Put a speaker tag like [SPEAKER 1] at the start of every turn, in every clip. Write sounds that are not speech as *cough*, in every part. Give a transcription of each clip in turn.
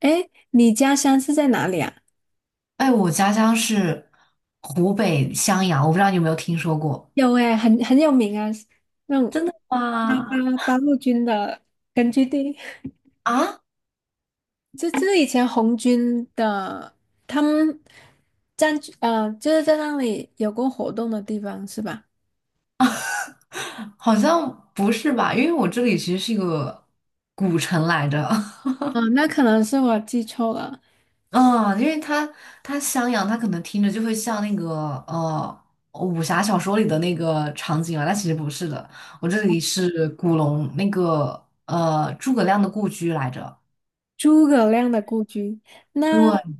[SPEAKER 1] 哎，你家乡是在哪里啊？
[SPEAKER 2] 哎，我家乡是湖北襄阳，我不知道你有没有听说过。
[SPEAKER 1] 有哎，很有名啊，那种八
[SPEAKER 2] 哇，
[SPEAKER 1] 八八路军的根据地。
[SPEAKER 2] 啊？
[SPEAKER 1] 这是以前红军的，他们占据就是在那里有过活动的地方是吧？
[SPEAKER 2] 好像不是吧？因为我这里其实是一个古城来着。
[SPEAKER 1] 啊，那可能是我记错了，
[SPEAKER 2] *laughs* 嗯，因为它襄阳，它可能听着就会像那个武侠小说里的那个场景啊，但其实不是的。我这里是古龙那个诸葛亮的故居来着。
[SPEAKER 1] 诸葛亮的故居。那
[SPEAKER 2] 对，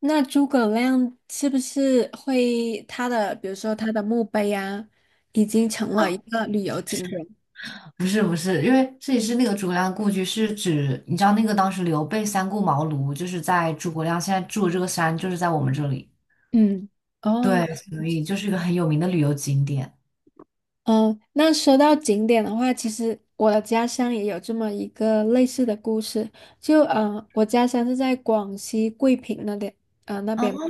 [SPEAKER 1] 那诸葛亮是不是会他的，比如说他的墓碑啊，已经成了一个旅游景点？
[SPEAKER 2] 不是，因为这里是那个诸葛亮故居是指，你知道那个当时刘备三顾茅庐，就是在诸葛亮现在住的这个山，就是在我们这里。
[SPEAKER 1] 嗯，哦。
[SPEAKER 2] 对，所以就是一个很有名的旅游景点。
[SPEAKER 1] 嗯，那说到景点的话，其实我的家乡也有这么一个类似的故事。就我家乡是在广西桂平那边，呃，那
[SPEAKER 2] 啊，
[SPEAKER 1] 边嘛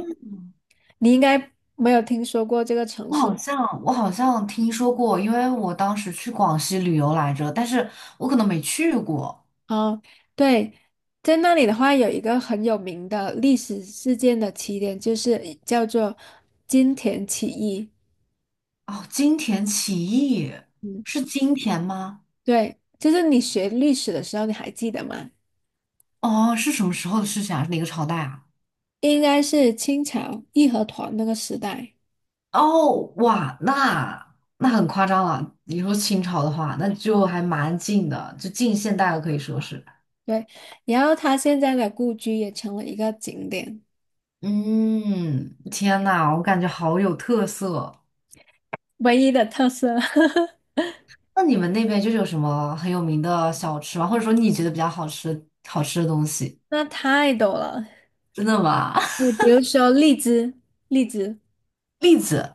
[SPEAKER 1] 你应该没有听说过这个城
[SPEAKER 2] 我
[SPEAKER 1] 市。
[SPEAKER 2] 好像我好像听说过，因为我当时去广西旅游来着，但是我可能没去过。
[SPEAKER 1] 哦。对，在那里的话，有一个很有名的历史事件的起点，就是叫做金田起义。
[SPEAKER 2] 哦，金田起义，
[SPEAKER 1] 嗯，
[SPEAKER 2] 是金田吗？
[SPEAKER 1] 对，就是你学历史的时候，你还记得吗？
[SPEAKER 2] 哦，是什么时候的事情啊？是哪个朝代啊？
[SPEAKER 1] 应该是清朝义和团那个时代。
[SPEAKER 2] 哦，哇，那那很夸张了。你说清朝的话，那就还蛮近的，就近现代了，可以说是。
[SPEAKER 1] 对，然后他现在的故居也成了一个景点，
[SPEAKER 2] 嗯，天呐，我感觉好有特色。
[SPEAKER 1] 唯一的特色。*laughs*
[SPEAKER 2] 那你们那边就是有什么很有名的小吃吗？或者说你觉得比较好吃的东西？
[SPEAKER 1] 那太多了，
[SPEAKER 2] 真的吗？
[SPEAKER 1] 你
[SPEAKER 2] *laughs*
[SPEAKER 1] 比如说荔枝，荔枝，
[SPEAKER 2] 栗子，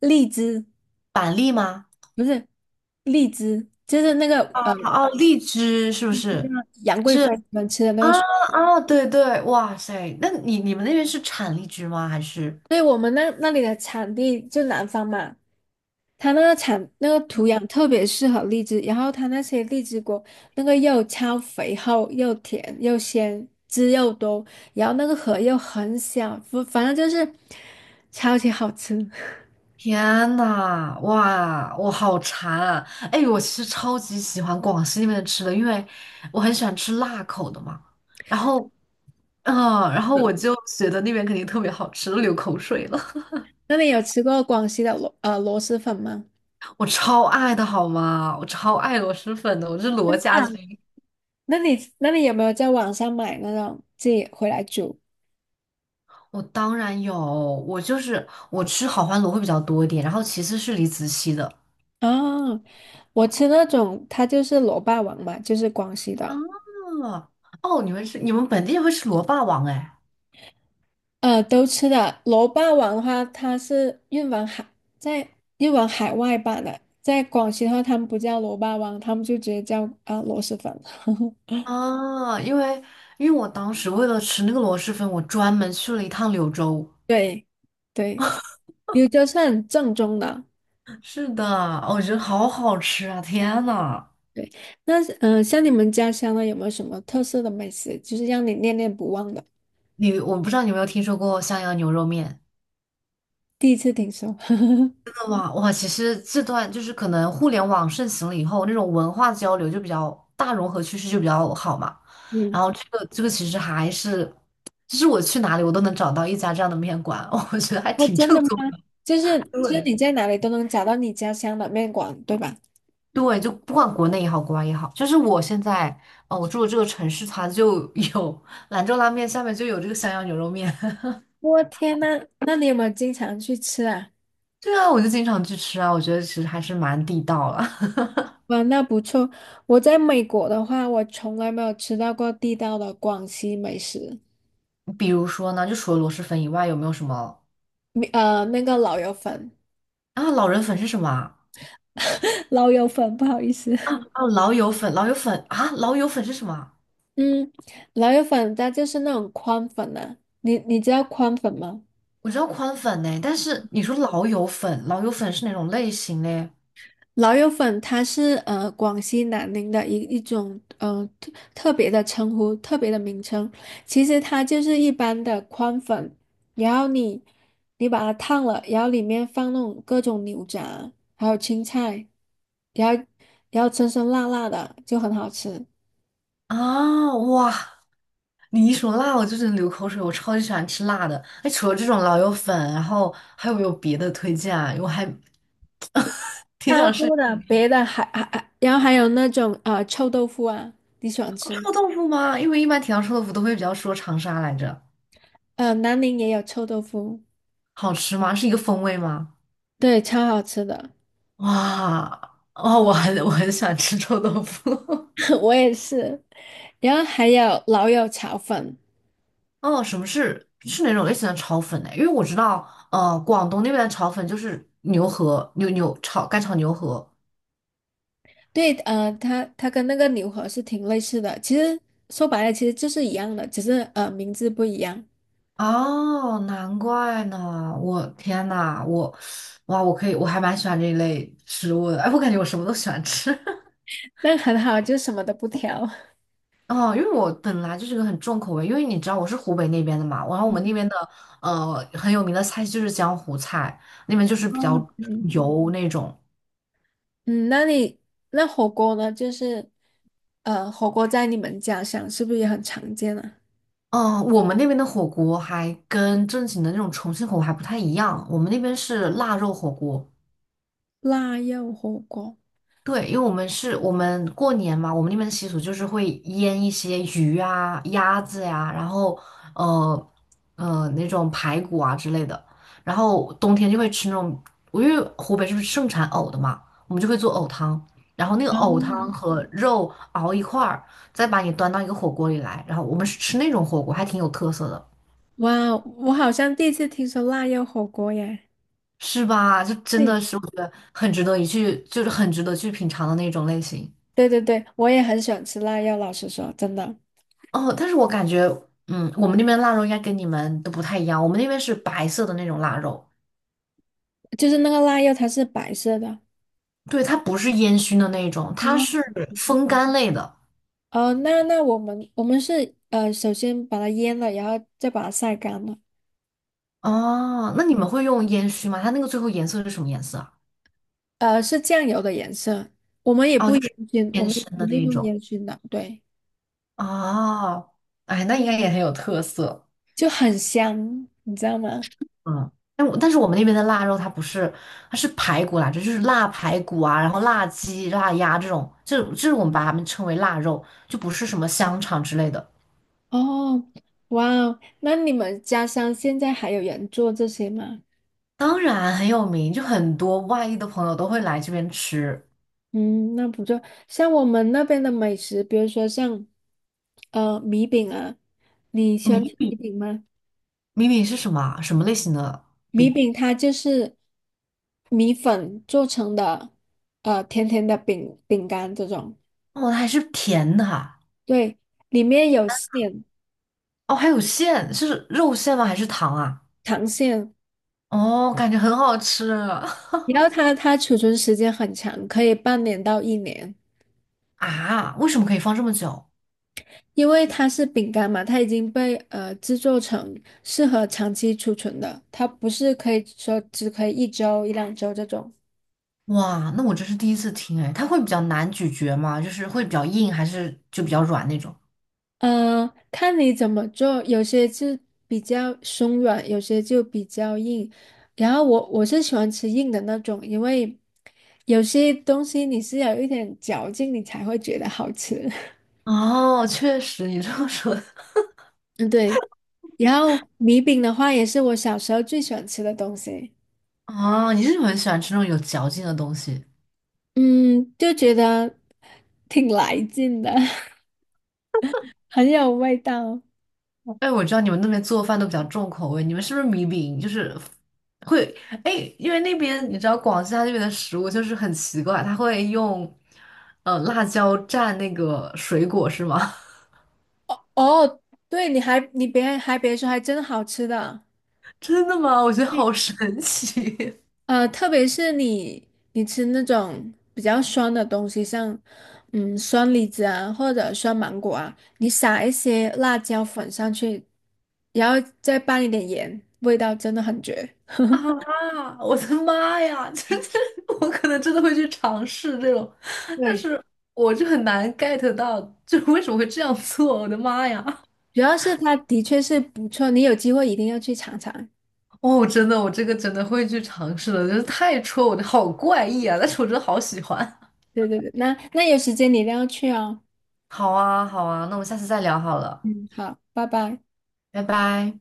[SPEAKER 1] 荔枝
[SPEAKER 2] 板栗吗？
[SPEAKER 1] 不是荔枝，就是那个
[SPEAKER 2] 哦，荔枝是不是？
[SPEAKER 1] 杨贵妃
[SPEAKER 2] 是
[SPEAKER 1] 喜欢吃的那
[SPEAKER 2] 啊，
[SPEAKER 1] 个水。
[SPEAKER 2] 啊，对对，哇塞，那你们那边是产荔枝吗？还是？
[SPEAKER 1] 所以我们那里的产地就南方嘛，它那个产那个土壤特别适合荔枝，然后它那些荔枝果那个又超肥厚又甜又鲜，汁又多，然后那个核又很小，反正就是超级好吃。
[SPEAKER 2] 天呐，哇，我好馋啊！哎，我其实超级喜欢广西那边的吃的，因为我很喜欢吃辣口的嘛。然后，嗯，然后我就觉得那边肯定特别好吃，都流口水了。
[SPEAKER 1] *laughs* 那你有吃过广西的螺蛳粉吗？
[SPEAKER 2] *laughs* 我超爱的好吗？我超爱螺蛳粉的，我是罗家军。
[SPEAKER 1] 那你有没有在网上买那种自己回来煮？
[SPEAKER 2] 我当然有，我就是我吃好欢螺会比较多一点，然后其次是李子柒的。
[SPEAKER 1] 啊？我吃那种它就是螺霸王嘛，就是广西的。
[SPEAKER 2] 啊，哦，你们本地人会吃螺霸王哎？
[SPEAKER 1] 呃，都吃的。楼霸王的话，它是运往海，在运往海外版的。在广西的话，他们不叫楼霸王，他们就直接叫啊、螺蛳粉。*laughs*
[SPEAKER 2] 啊，因为，因为我当时为了吃那个螺蛳粉，我专门去了一趟柳州。
[SPEAKER 1] 对，对，柳州是很正宗的。
[SPEAKER 2] 是的，哦，我觉得好好吃啊！天呐，
[SPEAKER 1] 对，那像你们家乡呢，有没有什么特色的美食，就是让你念念不忘的？
[SPEAKER 2] 你，我不知道你有没有听说过襄阳牛肉面？
[SPEAKER 1] 第一次听说。*laughs*
[SPEAKER 2] 哇哇，其实这段就是可能互联网盛行了以后，那种文化交流就比较大融合趋势就比较好嘛。
[SPEAKER 1] 嗯，
[SPEAKER 2] 然后这个其实还是，就是我去哪里我都能找到一家这样的面馆，*laughs* 我觉得还
[SPEAKER 1] 哦，
[SPEAKER 2] 挺
[SPEAKER 1] 真
[SPEAKER 2] 正
[SPEAKER 1] 的吗？
[SPEAKER 2] 宗的。
[SPEAKER 1] 就是你
[SPEAKER 2] 对，
[SPEAKER 1] 在哪里都能找到你家乡的面馆，对吧？
[SPEAKER 2] 对，就不管国内也好，国外也好，就是我现在，我住的这个城市，它就 *laughs* 有兰州拉面，下面就有这个襄阳牛肉面。
[SPEAKER 1] 我天呐，那你有没有经常去吃啊？
[SPEAKER 2] *laughs* 对啊，我就经常去吃啊，我觉得其实还是蛮地道了。
[SPEAKER 1] 哇，那不错。我在美国的话，我从来没有吃到过地道的广西美食，
[SPEAKER 2] *laughs* 比如说呢，就除了螺蛳粉以外，有没有什么
[SPEAKER 1] 那个老友粉。
[SPEAKER 2] 啊？老人粉是什么啊？
[SPEAKER 1] *laughs* 老友粉，不好意思。
[SPEAKER 2] 啊，老友粉，老友粉啊，老友粉是什么啊？
[SPEAKER 1] 嗯，老友粉它就是那种宽粉啊，你知道宽粉吗？
[SPEAKER 2] 我知道宽粉呢，但是你说老友粉，老友粉是哪种类型嘞？
[SPEAKER 1] 老友粉它是呃广西南宁的一种呃特别的称呼，特别的名称。其实它就是一般的宽粉，然后你把它烫了，然后里面放那种各种牛杂，还有青菜，然后然后酸酸辣辣的就很好吃，
[SPEAKER 2] 啊，哇！你一说辣，我就觉得流口水。我超级喜欢吃辣的。哎，除了这种老友粉，然后还有没有别的推荐啊？因为我还挺
[SPEAKER 1] 超
[SPEAKER 2] 想吃。
[SPEAKER 1] 多的。别的还，然后还有那种臭豆腐啊，你喜欢吃吗？
[SPEAKER 2] 臭豆腐吗？因为一般提到臭豆腐都会比较说长沙来着。
[SPEAKER 1] 呃，南宁也有臭豆腐，
[SPEAKER 2] 好吃吗？是一个风味吗？
[SPEAKER 1] 对，超好吃的。
[SPEAKER 2] 哇，哦，我很喜欢吃臭豆腐。*laughs*
[SPEAKER 1] *laughs* 我也是。然后还有老友炒粉，
[SPEAKER 2] 哦，什么是是哪种类型的炒粉呢？因为我知道，广东那边的炒粉就是牛河，炒干炒牛河。
[SPEAKER 1] 对，呃，它跟那个牛河是挺类似的，其实说白了其实就是一样的，只是名字不一样。
[SPEAKER 2] 哦，难怪呢！我天呐，我，哇，我可以，我还蛮喜欢这一类食物的。哎，我感觉我什么都喜欢吃。*laughs*
[SPEAKER 1] *laughs* 那很好，就什么都不挑。
[SPEAKER 2] 哦，因为我本来就是个很重口味，因为你知道我是湖北那边的嘛，然后我们
[SPEAKER 1] 嗯，
[SPEAKER 2] 那边的很有名的菜就是江湖菜，那边就是比
[SPEAKER 1] 哦，
[SPEAKER 2] 较
[SPEAKER 1] 对，
[SPEAKER 2] 油那种。
[SPEAKER 1] 嗯，那火锅呢？就是火锅在你们家乡是不是也很常见啊？
[SPEAKER 2] 嗯，我们那边的火锅还跟正经的那种重庆火锅还不太一样，我们那边是腊肉火锅。
[SPEAKER 1] 腊肉火锅，
[SPEAKER 2] 对，因为我们过年嘛，我们那边的习俗就是会腌一些鱼啊、鸭子呀、然后呃那种排骨啊之类的，然后冬天就会吃那种，因为湖北是不是盛产藕的嘛，我们就会做藕汤，然后那个藕汤
[SPEAKER 1] 嗯。
[SPEAKER 2] 和肉熬一块儿，再把你端到一个火锅里来，然后我们是吃那种火锅，还挺有特色的。
[SPEAKER 1] 哇，我好像第一次听说腊肉火锅耶。
[SPEAKER 2] 是吧？就真
[SPEAKER 1] 对，
[SPEAKER 2] 的是我觉得很值得一去，就是很值得去品尝的那种类型。
[SPEAKER 1] 对对对，我也很喜欢吃腊肉，老实说，真的。
[SPEAKER 2] 哦，但是我感觉，嗯，我们那边腊肉应该跟你们都不太一样。我们那边是白色的那种腊肉，
[SPEAKER 1] 就是那个腊肉，它是白色的。
[SPEAKER 2] 对，它不是烟熏的那种，它
[SPEAKER 1] 哦
[SPEAKER 2] 是风干类的。
[SPEAKER 1] 哦，那我们是呃，首先把它腌了，然后再把它晒干了。
[SPEAKER 2] 哦，那你们会用烟熏吗？它那个最后颜色是什么颜色啊？
[SPEAKER 1] 呃，是酱油的颜色，我们也
[SPEAKER 2] 哦，
[SPEAKER 1] 不
[SPEAKER 2] 就是
[SPEAKER 1] 烟熏，我
[SPEAKER 2] 偏
[SPEAKER 1] 们
[SPEAKER 2] 深
[SPEAKER 1] 也
[SPEAKER 2] 的
[SPEAKER 1] 不
[SPEAKER 2] 那
[SPEAKER 1] 是
[SPEAKER 2] 一
[SPEAKER 1] 用
[SPEAKER 2] 种。
[SPEAKER 1] 烟熏的，对，
[SPEAKER 2] 哦，哎，那应该也很有特色。
[SPEAKER 1] 就很香，你知道吗？
[SPEAKER 2] 嗯，但是我们那边的腊肉它不是，它是排骨来着，就是腊排骨啊，然后腊鸡、腊鸭这种，这是我们把它们称为腊肉，就不是什么香肠之类的。
[SPEAKER 1] 哦，哇哦，那你们家乡现在还有人做这些吗？
[SPEAKER 2] 当然很有名，就很多外地的朋友都会来这边吃。
[SPEAKER 1] 嗯，那不做。像我们那边的美食，比如说像米饼啊，你喜欢吃
[SPEAKER 2] 米
[SPEAKER 1] 米饼吗？
[SPEAKER 2] 米饼是什么啊？什么类型的
[SPEAKER 1] 米
[SPEAKER 2] 饼？
[SPEAKER 1] 饼它就是米粉做成的，呃，甜甜的饼干这种。
[SPEAKER 2] 哦，它还是甜的啊。
[SPEAKER 1] 对，里面有馅，
[SPEAKER 2] 哦，还有馅，是肉馅吗？还是糖啊？
[SPEAKER 1] 糖馅，
[SPEAKER 2] 哦，感觉很好吃。 *laughs*
[SPEAKER 1] 然后它储存时间很长，可以半年到1年，
[SPEAKER 2] 啊！为什么可以放这么久？
[SPEAKER 1] 因为它是饼干嘛，它已经被制作成适合长期储存的，它不是可以说只可以一周一两周这种。
[SPEAKER 2] 哇，那我这是第一次听哎，它会比较难咀嚼吗？就是会比较硬，还是就比较软那种？
[SPEAKER 1] 嗯，看你怎么做，有些就比较松软，有些就比较硬。然后我是喜欢吃硬的那种，因为有些东西你是要有一点嚼劲，你才会觉得好吃。*laughs*
[SPEAKER 2] 哦，确实，你这么说的。
[SPEAKER 1] 嗯，对。然后米饼的话，也是我小时候最喜欢吃的东西。
[SPEAKER 2] 哦，你是不是很喜欢吃那种有嚼劲的东西？
[SPEAKER 1] 嗯，就觉得挺来劲的，*laughs* 很有味道。
[SPEAKER 2] 哎，我知道你们那边做饭都比较重口味，你们是不是米饼就是会，哎？因为那边你知道广西它那边的食物就是很奇怪，它会用辣椒蘸那个水果是吗？
[SPEAKER 1] 哦，对，你别别说，还真好吃的。
[SPEAKER 2] *laughs* 真的吗？我觉得好神奇。
[SPEAKER 1] 呃，特别是你吃那种比较酸的东西，像酸李子啊或者酸芒果啊，你撒一些辣椒粉上去，然后再拌一点盐，味道真的很绝。
[SPEAKER 2] *laughs* 啊！我的妈呀，*laughs* 就是我可能真的会去尝试这种，但
[SPEAKER 1] 对，
[SPEAKER 2] 是我就很难 get 到，就是为什么会这样做？我的妈呀！
[SPEAKER 1] 主要是它的确是不错，你有机会一定要去尝尝。
[SPEAKER 2] 哦，真的，我这个真的会去尝试的，就是太戳我的，好怪异啊！但是我真的好喜欢。
[SPEAKER 1] 对对对，那有时间你一定要去哦。
[SPEAKER 2] 好啊，好啊，那我们下次再聊好了，
[SPEAKER 1] 嗯，好，拜拜。
[SPEAKER 2] 拜拜。